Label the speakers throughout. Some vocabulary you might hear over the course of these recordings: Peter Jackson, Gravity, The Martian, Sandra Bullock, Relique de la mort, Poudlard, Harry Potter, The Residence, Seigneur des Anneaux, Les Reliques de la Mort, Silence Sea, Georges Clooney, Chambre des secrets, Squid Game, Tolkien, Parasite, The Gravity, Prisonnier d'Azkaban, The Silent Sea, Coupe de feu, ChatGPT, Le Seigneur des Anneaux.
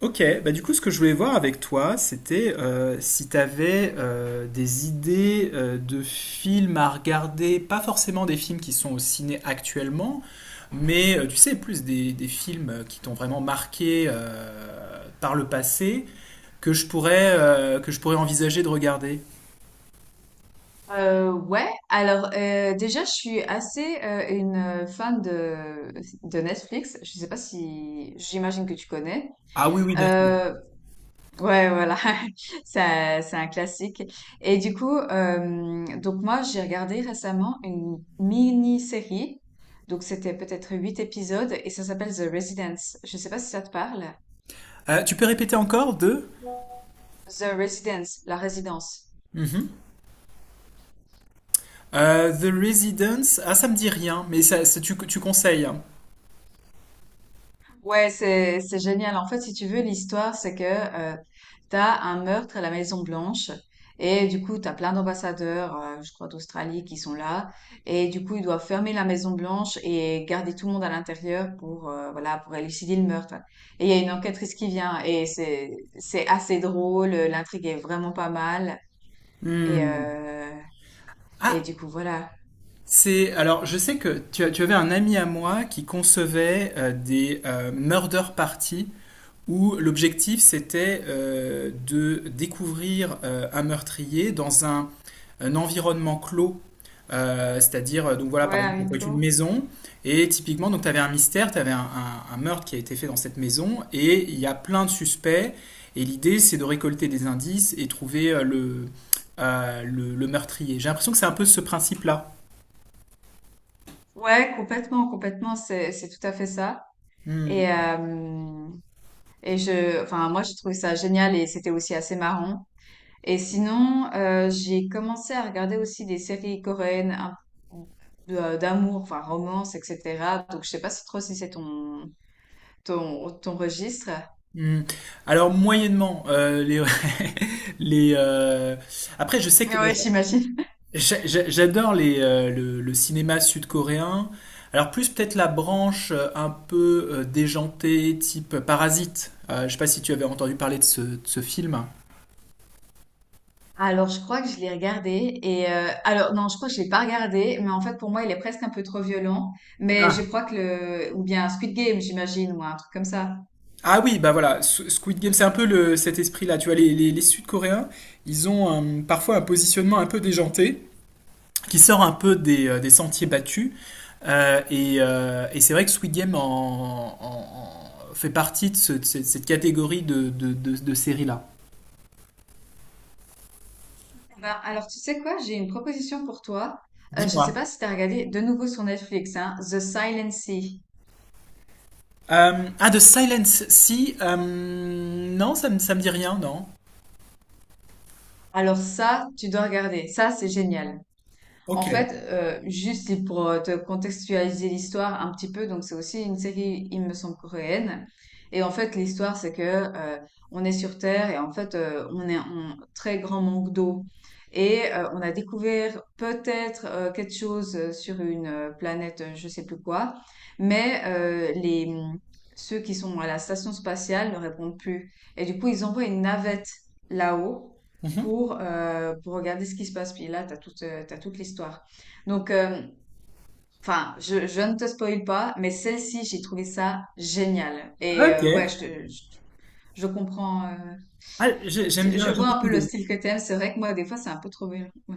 Speaker 1: Ok, bah du coup, ce que je voulais voir avec toi, c'était si tu avais des idées de films à regarder, pas forcément des films qui sont au ciné actuellement, mais tu sais, plus des films qui t'ont vraiment marqué par le passé que je pourrais envisager de regarder.
Speaker 2: Déjà je suis assez une fan de Netflix. Je sais pas si j'imagine que tu connais.
Speaker 1: Ah oui, oui, bien sûr.
Speaker 2: Euh, ouais, voilà, c'est un classique. Donc moi j'ai regardé récemment une mini-série. Donc c'était peut-être huit épisodes et ça s'appelle The Residence. Je sais pas si ça te parle.
Speaker 1: Tu peux répéter encore deux?
Speaker 2: The Residence, la résidence.
Speaker 1: Mhm. The Residence, ah ça me dit rien, mais tu conseilles, hein.
Speaker 2: Ouais, c'est génial. En fait, si tu veux, l'histoire, c'est que t'as un meurtre à la Maison Blanche, et du coup, t'as plein d'ambassadeurs, je crois d'Australie, qui sont là, et du coup, ils doivent fermer la Maison Blanche et garder tout le monde à l'intérieur pour voilà, pour élucider le meurtre. Et il y a une enquêtrice qui vient et c'est assez drôle. L'intrigue est vraiment pas mal, et
Speaker 1: Hmm.
Speaker 2: euh, et
Speaker 1: Ah,
Speaker 2: du coup voilà.
Speaker 1: c'est alors je sais que tu avais un ami à moi qui concevait des murder parties où l'objectif c'était de découvrir un meurtrier un environnement clos. C'est-à-dire, donc voilà,
Speaker 2: Ouais,
Speaker 1: par
Speaker 2: à
Speaker 1: exemple, ça
Speaker 2: huis
Speaker 1: peut être une
Speaker 2: clos.
Speaker 1: maison, et typiquement, donc tu avais un mystère, tu avais un meurtre qui a été fait dans cette maison, et il y a plein de suspects, et l'idée c'est de récolter des indices et trouver le meurtrier. J'ai l'impression que c'est un peu ce principe-là.
Speaker 2: Ouais, complètement, complètement. C'est tout à fait ça.
Speaker 1: Hmm.
Speaker 2: Et euh, enfin, moi, j'ai trouvé ça génial et c'était aussi assez marrant. Et sinon, j'ai commencé à regarder aussi des séries coréennes d'amour, enfin, romance, etc. Donc, je sais pas si trop si c'est ton registre.
Speaker 1: Hmm. Alors moyennement les les après je sais que bon,
Speaker 2: Ouais, j'imagine.
Speaker 1: j'adore les le cinéma sud-coréen, alors plus peut-être la branche un peu déjantée type Parasite. Je sais pas si tu avais entendu parler de ce film.
Speaker 2: Alors, je crois que je l'ai regardé et alors non, je crois que je l'ai pas regardé, mais en fait pour moi il est presque un peu trop violent. Mais
Speaker 1: Ah.
Speaker 2: je crois que le ou bien Squid Game, j'imagine, ou un truc comme ça.
Speaker 1: Ah oui bah voilà, Squid Game c'est un peu le cet esprit-là, tu vois les Sud-Coréens, ils ont parfois un positionnement un peu déjanté qui sort un peu des sentiers battus. Et c'est vrai que Squid Game fait partie de cette catégorie de séries-là.
Speaker 2: Ben, alors, tu sais quoi? J'ai une proposition pour toi. Je sais pas
Speaker 1: Dis-moi.
Speaker 2: si tu as regardé de nouveau sur Netflix, hein, The Silent Sea.
Speaker 1: De Silence Sea, non, ça me dit rien, non.
Speaker 2: Alors ça, tu dois regarder. Ça, c'est génial. En
Speaker 1: Ok.
Speaker 2: fait, juste c'est pour te contextualiser l'histoire un petit peu, donc c'est aussi une série, il me semble, coréenne. Et en fait, l'histoire, c'est que on est sur Terre et en fait, on est en très grand manque d'eau. On a découvert peut-être quelque chose sur une planète, je sais plus quoi, mais ceux qui sont à la station spatiale ne répondent plus. Et du coup, ils envoient une navette là-haut
Speaker 1: Mhm.
Speaker 2: pour regarder ce qui se passe. Puis là, t'as toute l'histoire. Donc, euh, enfin, je ne te spoil pas, mais celle-ci, j'ai trouvé ça génial.
Speaker 1: Ok.
Speaker 2: Je comprends.
Speaker 1: Ah,
Speaker 2: Je
Speaker 1: j'aime
Speaker 2: vois
Speaker 1: bien
Speaker 2: un peu le
Speaker 1: l'idée.
Speaker 2: style que t'aimes. C'est vrai que moi, des fois, c'est un peu trop violent. Ouais,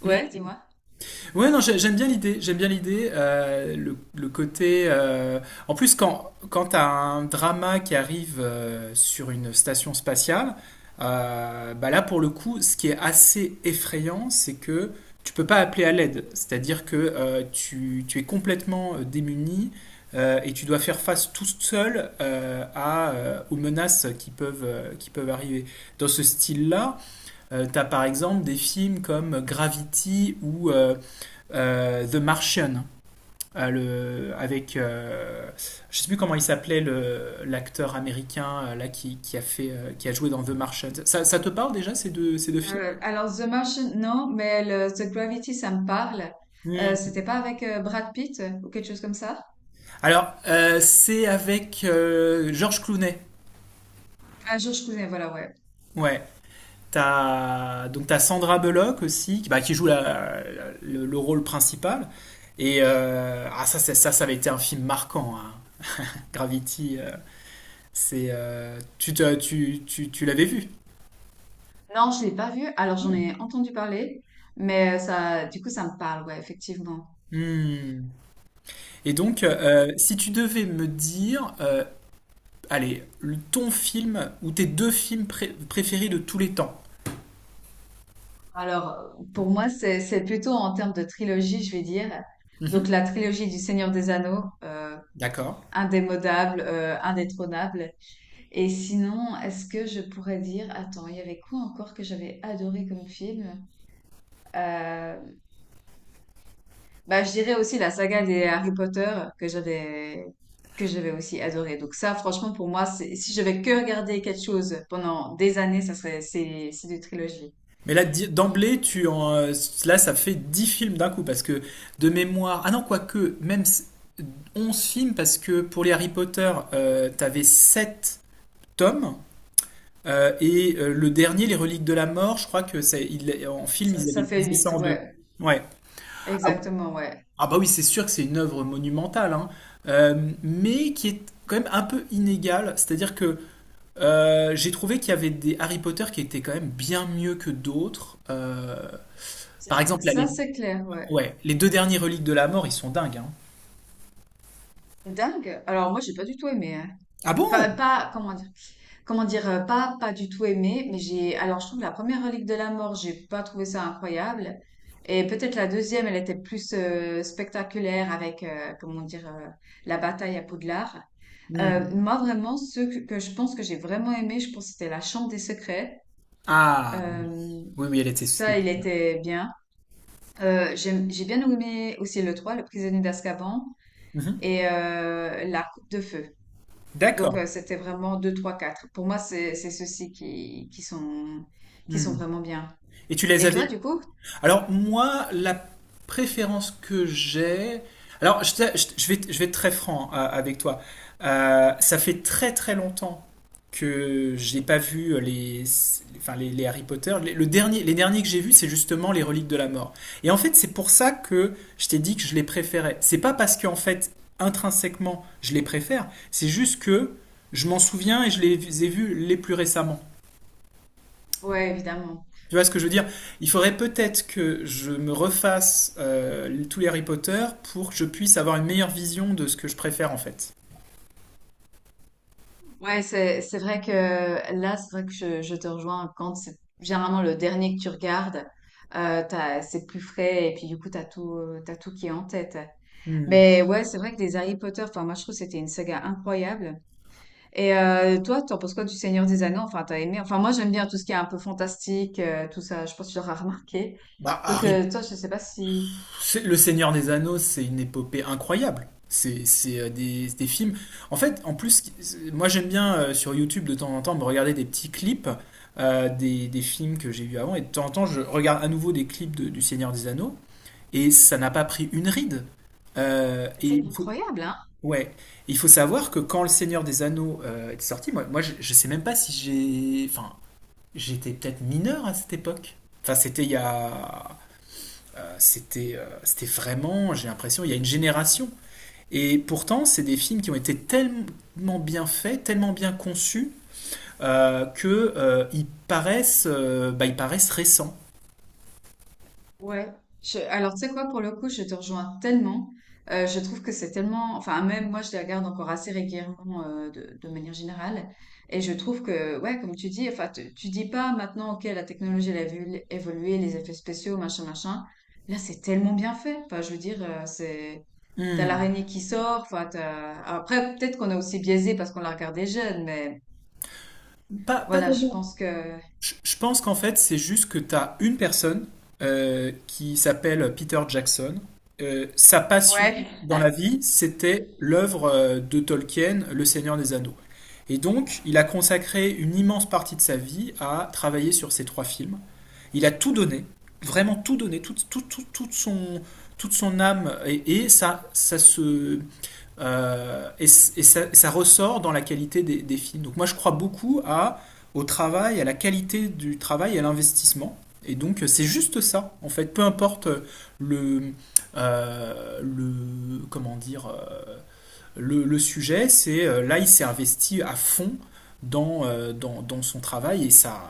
Speaker 2: ouais, dis-moi.
Speaker 1: Ouais, non, j'aime bien l'idée. J'aime bien l'idée, le côté. En plus, quand tu as un drama qui arrive sur une station spatiale, bah là, pour le coup, ce qui est assez effrayant, c'est que tu peux pas appeler à l'aide. C'est-à-dire que tu es complètement démuni, et tu dois faire face tout seul aux menaces qui peuvent arriver. Dans ce style-là, tu as par exemple des films comme Gravity ou The Martian. Le, avec je ne sais plus comment il s'appelait l'acteur américain là qui a fait qui a joué dans The Martian. Ça te parle déjà ces deux films?
Speaker 2: Alors, The Martian, non, mais le, The Gravity, ça me parle. C'était
Speaker 1: Hmm.
Speaker 2: pas avec Brad Pitt ou quelque chose comme ça?
Speaker 1: Alors, c'est avec Georges Clooney.
Speaker 2: Ah, George Clooney, voilà, ouais.
Speaker 1: Ouais. T'as, donc t'as Sandra Bullock aussi, qui, bah, qui joue le rôle principal. Et ah, ça, ça avait été un film marquant, hein. Gravity, c'est, tu, te- tu l'avais vu.
Speaker 2: Non, je l'ai pas vu. Alors, j'en ai entendu parler, mais ça, du coup, ça me parle, ouais, effectivement.
Speaker 1: Hmm. Et donc,
Speaker 2: Donc, ouais.
Speaker 1: si tu devais me dire, allez, ton film ou tes deux films préférés de tous les temps.
Speaker 2: Alors, pour moi, c'est plutôt en termes de trilogie, je vais dire.
Speaker 1: Mhm,
Speaker 2: Donc, la trilogie du Seigneur des Anneaux,
Speaker 1: d'accord.
Speaker 2: indémodable, indétrônable. Et sinon, est-ce que je pourrais dire, attends, il y avait quoi encore que j'avais adoré comme film? Euh, je dirais aussi la saga des Harry Potter que j'avais que j'avais aussi adoré. Donc ça, franchement, pour moi, c'est, si je vais que regarder quelque chose pendant des années, ça serait c'est des trilogies.
Speaker 1: Mais là, d'emblée, ça fait 10 films d'un coup parce que de mémoire. Ah non, quoique, 11 films, parce que pour les Harry Potter, t'avais 7 tomes. Et le dernier, Les Reliques de la Mort, je crois que c'est, en film, ils
Speaker 2: Ça,
Speaker 1: avaient
Speaker 2: ça fait
Speaker 1: divisé ça
Speaker 2: huit,
Speaker 1: en deux.
Speaker 2: ouais,
Speaker 1: Ouais. Ah,
Speaker 2: exactement, ouais.
Speaker 1: ah bah oui, c'est sûr que c'est une œuvre monumentale, hein, mais qui est quand même un peu inégale. C'est-à-dire que j'ai trouvé qu'il y avait des Harry Potter qui étaient quand même bien mieux que d'autres.
Speaker 2: Ça,
Speaker 1: Par exemple, là, les...
Speaker 2: ça, c'est clair, ouais.
Speaker 1: Ouais, les deux derniers Reliques de la Mort, ils sont dingues, hein.
Speaker 2: Dingue. Alors moi, j'ai pas du tout aimé, hein.
Speaker 1: Ah
Speaker 2: Enfin,
Speaker 1: bon?
Speaker 2: pas comment dire. Comment dire, pas du tout aimé, mais j'ai, alors je trouve que la première relique de la mort, j'ai pas trouvé ça incroyable. Et peut-être la deuxième, elle était plus spectaculaire avec, la bataille à Poudlard.
Speaker 1: Hmm.
Speaker 2: Moi, vraiment, que je pense que j'ai vraiment aimé, je pense que c'était la Chambre des secrets.
Speaker 1: Ah oui.
Speaker 2: Euh,
Speaker 1: Oui, oui, elle était... c'était
Speaker 2: Ça, il
Speaker 1: bien.
Speaker 2: était bien. J'ai bien aimé aussi le 3, le prisonnier d'Azkaban,
Speaker 1: Mhm.
Speaker 2: et la coupe de feu. Donc,
Speaker 1: D'accord.
Speaker 2: c'était vraiment 2 3 4. Pour moi, c'est ceux-ci qui sont
Speaker 1: Hmm.
Speaker 2: vraiment bien.
Speaker 1: Et tu les
Speaker 2: Et toi,
Speaker 1: avais...
Speaker 2: du coup?
Speaker 1: Alors moi, la préférence que j'ai... Alors je, je vais être très franc avec toi. Ça fait très très longtemps que j'ai pas vu enfin les Harry Potter. Les derniers que j'ai vus, c'est justement les Reliques de la Mort. Et en fait, c'est pour ça que je t'ai dit que je les préférais. C'est pas parce qu'en fait, intrinsèquement, je les préfère, c'est juste que je m'en souviens et je les ai vus les plus récemment.
Speaker 2: Ouais, évidemment.
Speaker 1: Tu vois ce que je veux dire? Il faudrait peut-être que je me refasse tous les Harry Potter pour que je puisse avoir une meilleure vision de ce que je préfère en fait.
Speaker 2: Ouais, c'est vrai que là, c'est vrai que je te rejoins quand c'est généralement le dernier que tu regardes. C'est plus frais et puis du coup, t'as tout qui est en tête.
Speaker 1: Hmm.
Speaker 2: Mais ouais, c'est vrai que les Harry Potter, enfin, moi, je trouve que c'était une saga incroyable. Toi, t'en penses quoi du Seigneur des Anneaux? Enfin, t'as aimé? Enfin, moi, j'aime bien tout ce qui est un peu fantastique, tout ça. Je pense que tu l'auras remarqué.
Speaker 1: Bah,
Speaker 2: Donc,
Speaker 1: Harry,
Speaker 2: toi, je sais pas si...
Speaker 1: Le Seigneur des Anneaux, c'est une épopée incroyable. Des films. En fait, en plus, moi j'aime bien sur YouTube de temps en temps me regarder des petits clips des films que j'ai vus avant. Et de temps en temps, je regarde à nouveau des clips du Seigneur des Anneaux. Et ça n'a pas pris une ride. Euh,
Speaker 2: C'est
Speaker 1: et
Speaker 2: incroyable, hein?
Speaker 1: Ouais, il faut savoir que quand Le Seigneur des Anneaux est sorti, je sais même pas si j'ai... Enfin, j'étais peut-être mineur à cette époque. Enfin, c'était il y a... c'était vraiment, j'ai l'impression, il y a une génération. Et pourtant, c'est des films qui ont été tellement bien faits, tellement bien conçus, que ils paraissent, bah, ils paraissent récents.
Speaker 2: Ouais, je- alors tu sais quoi, pour le coup, je te rejoins tellement. Je trouve que c'est tellement, enfin même moi, je les regarde encore assez régulièrement de manière générale, et je trouve que, ouais, comme tu dis, tu dis pas maintenant, ok, la technologie elle a vu évoluer, les effets spéciaux, machin, machin. Là, c'est tellement bien fait. Enfin, je veux dire, c'est t'as
Speaker 1: Hmm.
Speaker 2: l'araignée qui sort, enfin t'as... Après, peut-être qu'on est aussi biaisé parce qu'on l'a regardé jeune, mais
Speaker 1: Pas, pas
Speaker 2: voilà, je
Speaker 1: tellement.
Speaker 2: pense que...
Speaker 1: Je pense qu'en fait, c'est juste que tu as une personne qui s'appelle Peter Jackson. Sa passion
Speaker 2: Ouais,
Speaker 1: dans la vie, c'était l'œuvre de Tolkien, Le Seigneur des Anneaux. Et donc, il a consacré une immense partie de sa vie à travailler sur ces trois films. Il a tout donné, vraiment tout donné, toute son âme, et ça, euh, et, et ça ressort dans la qualité des films. Donc moi je crois beaucoup à, au travail, à la qualité du travail et à l'investissement. Et donc c'est juste ça, en fait. Peu importe le, le comment dire, le sujet, c'est là, il s'est investi à fond dans son travail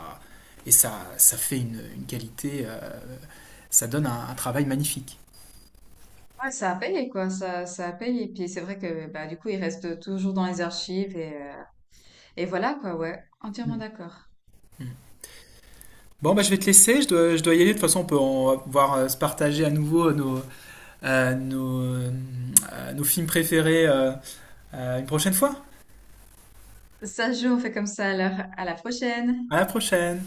Speaker 1: et ça, ça fait une qualité, ça donne un travail magnifique.
Speaker 2: ouais, ça a payé, quoi, ça a payé. Puis c'est vrai que bah, du coup, il reste toujours dans les archives et voilà, quoi, ouais, entièrement
Speaker 1: Mm.
Speaker 2: d'accord.
Speaker 1: Bon, bah, je vais te laisser, je dois y aller. De toute façon, on va pouvoir se partager à nouveau nos films préférés une prochaine fois.
Speaker 2: Ça se joue, on fait comme ça alors, à la prochaine!
Speaker 1: À la prochaine!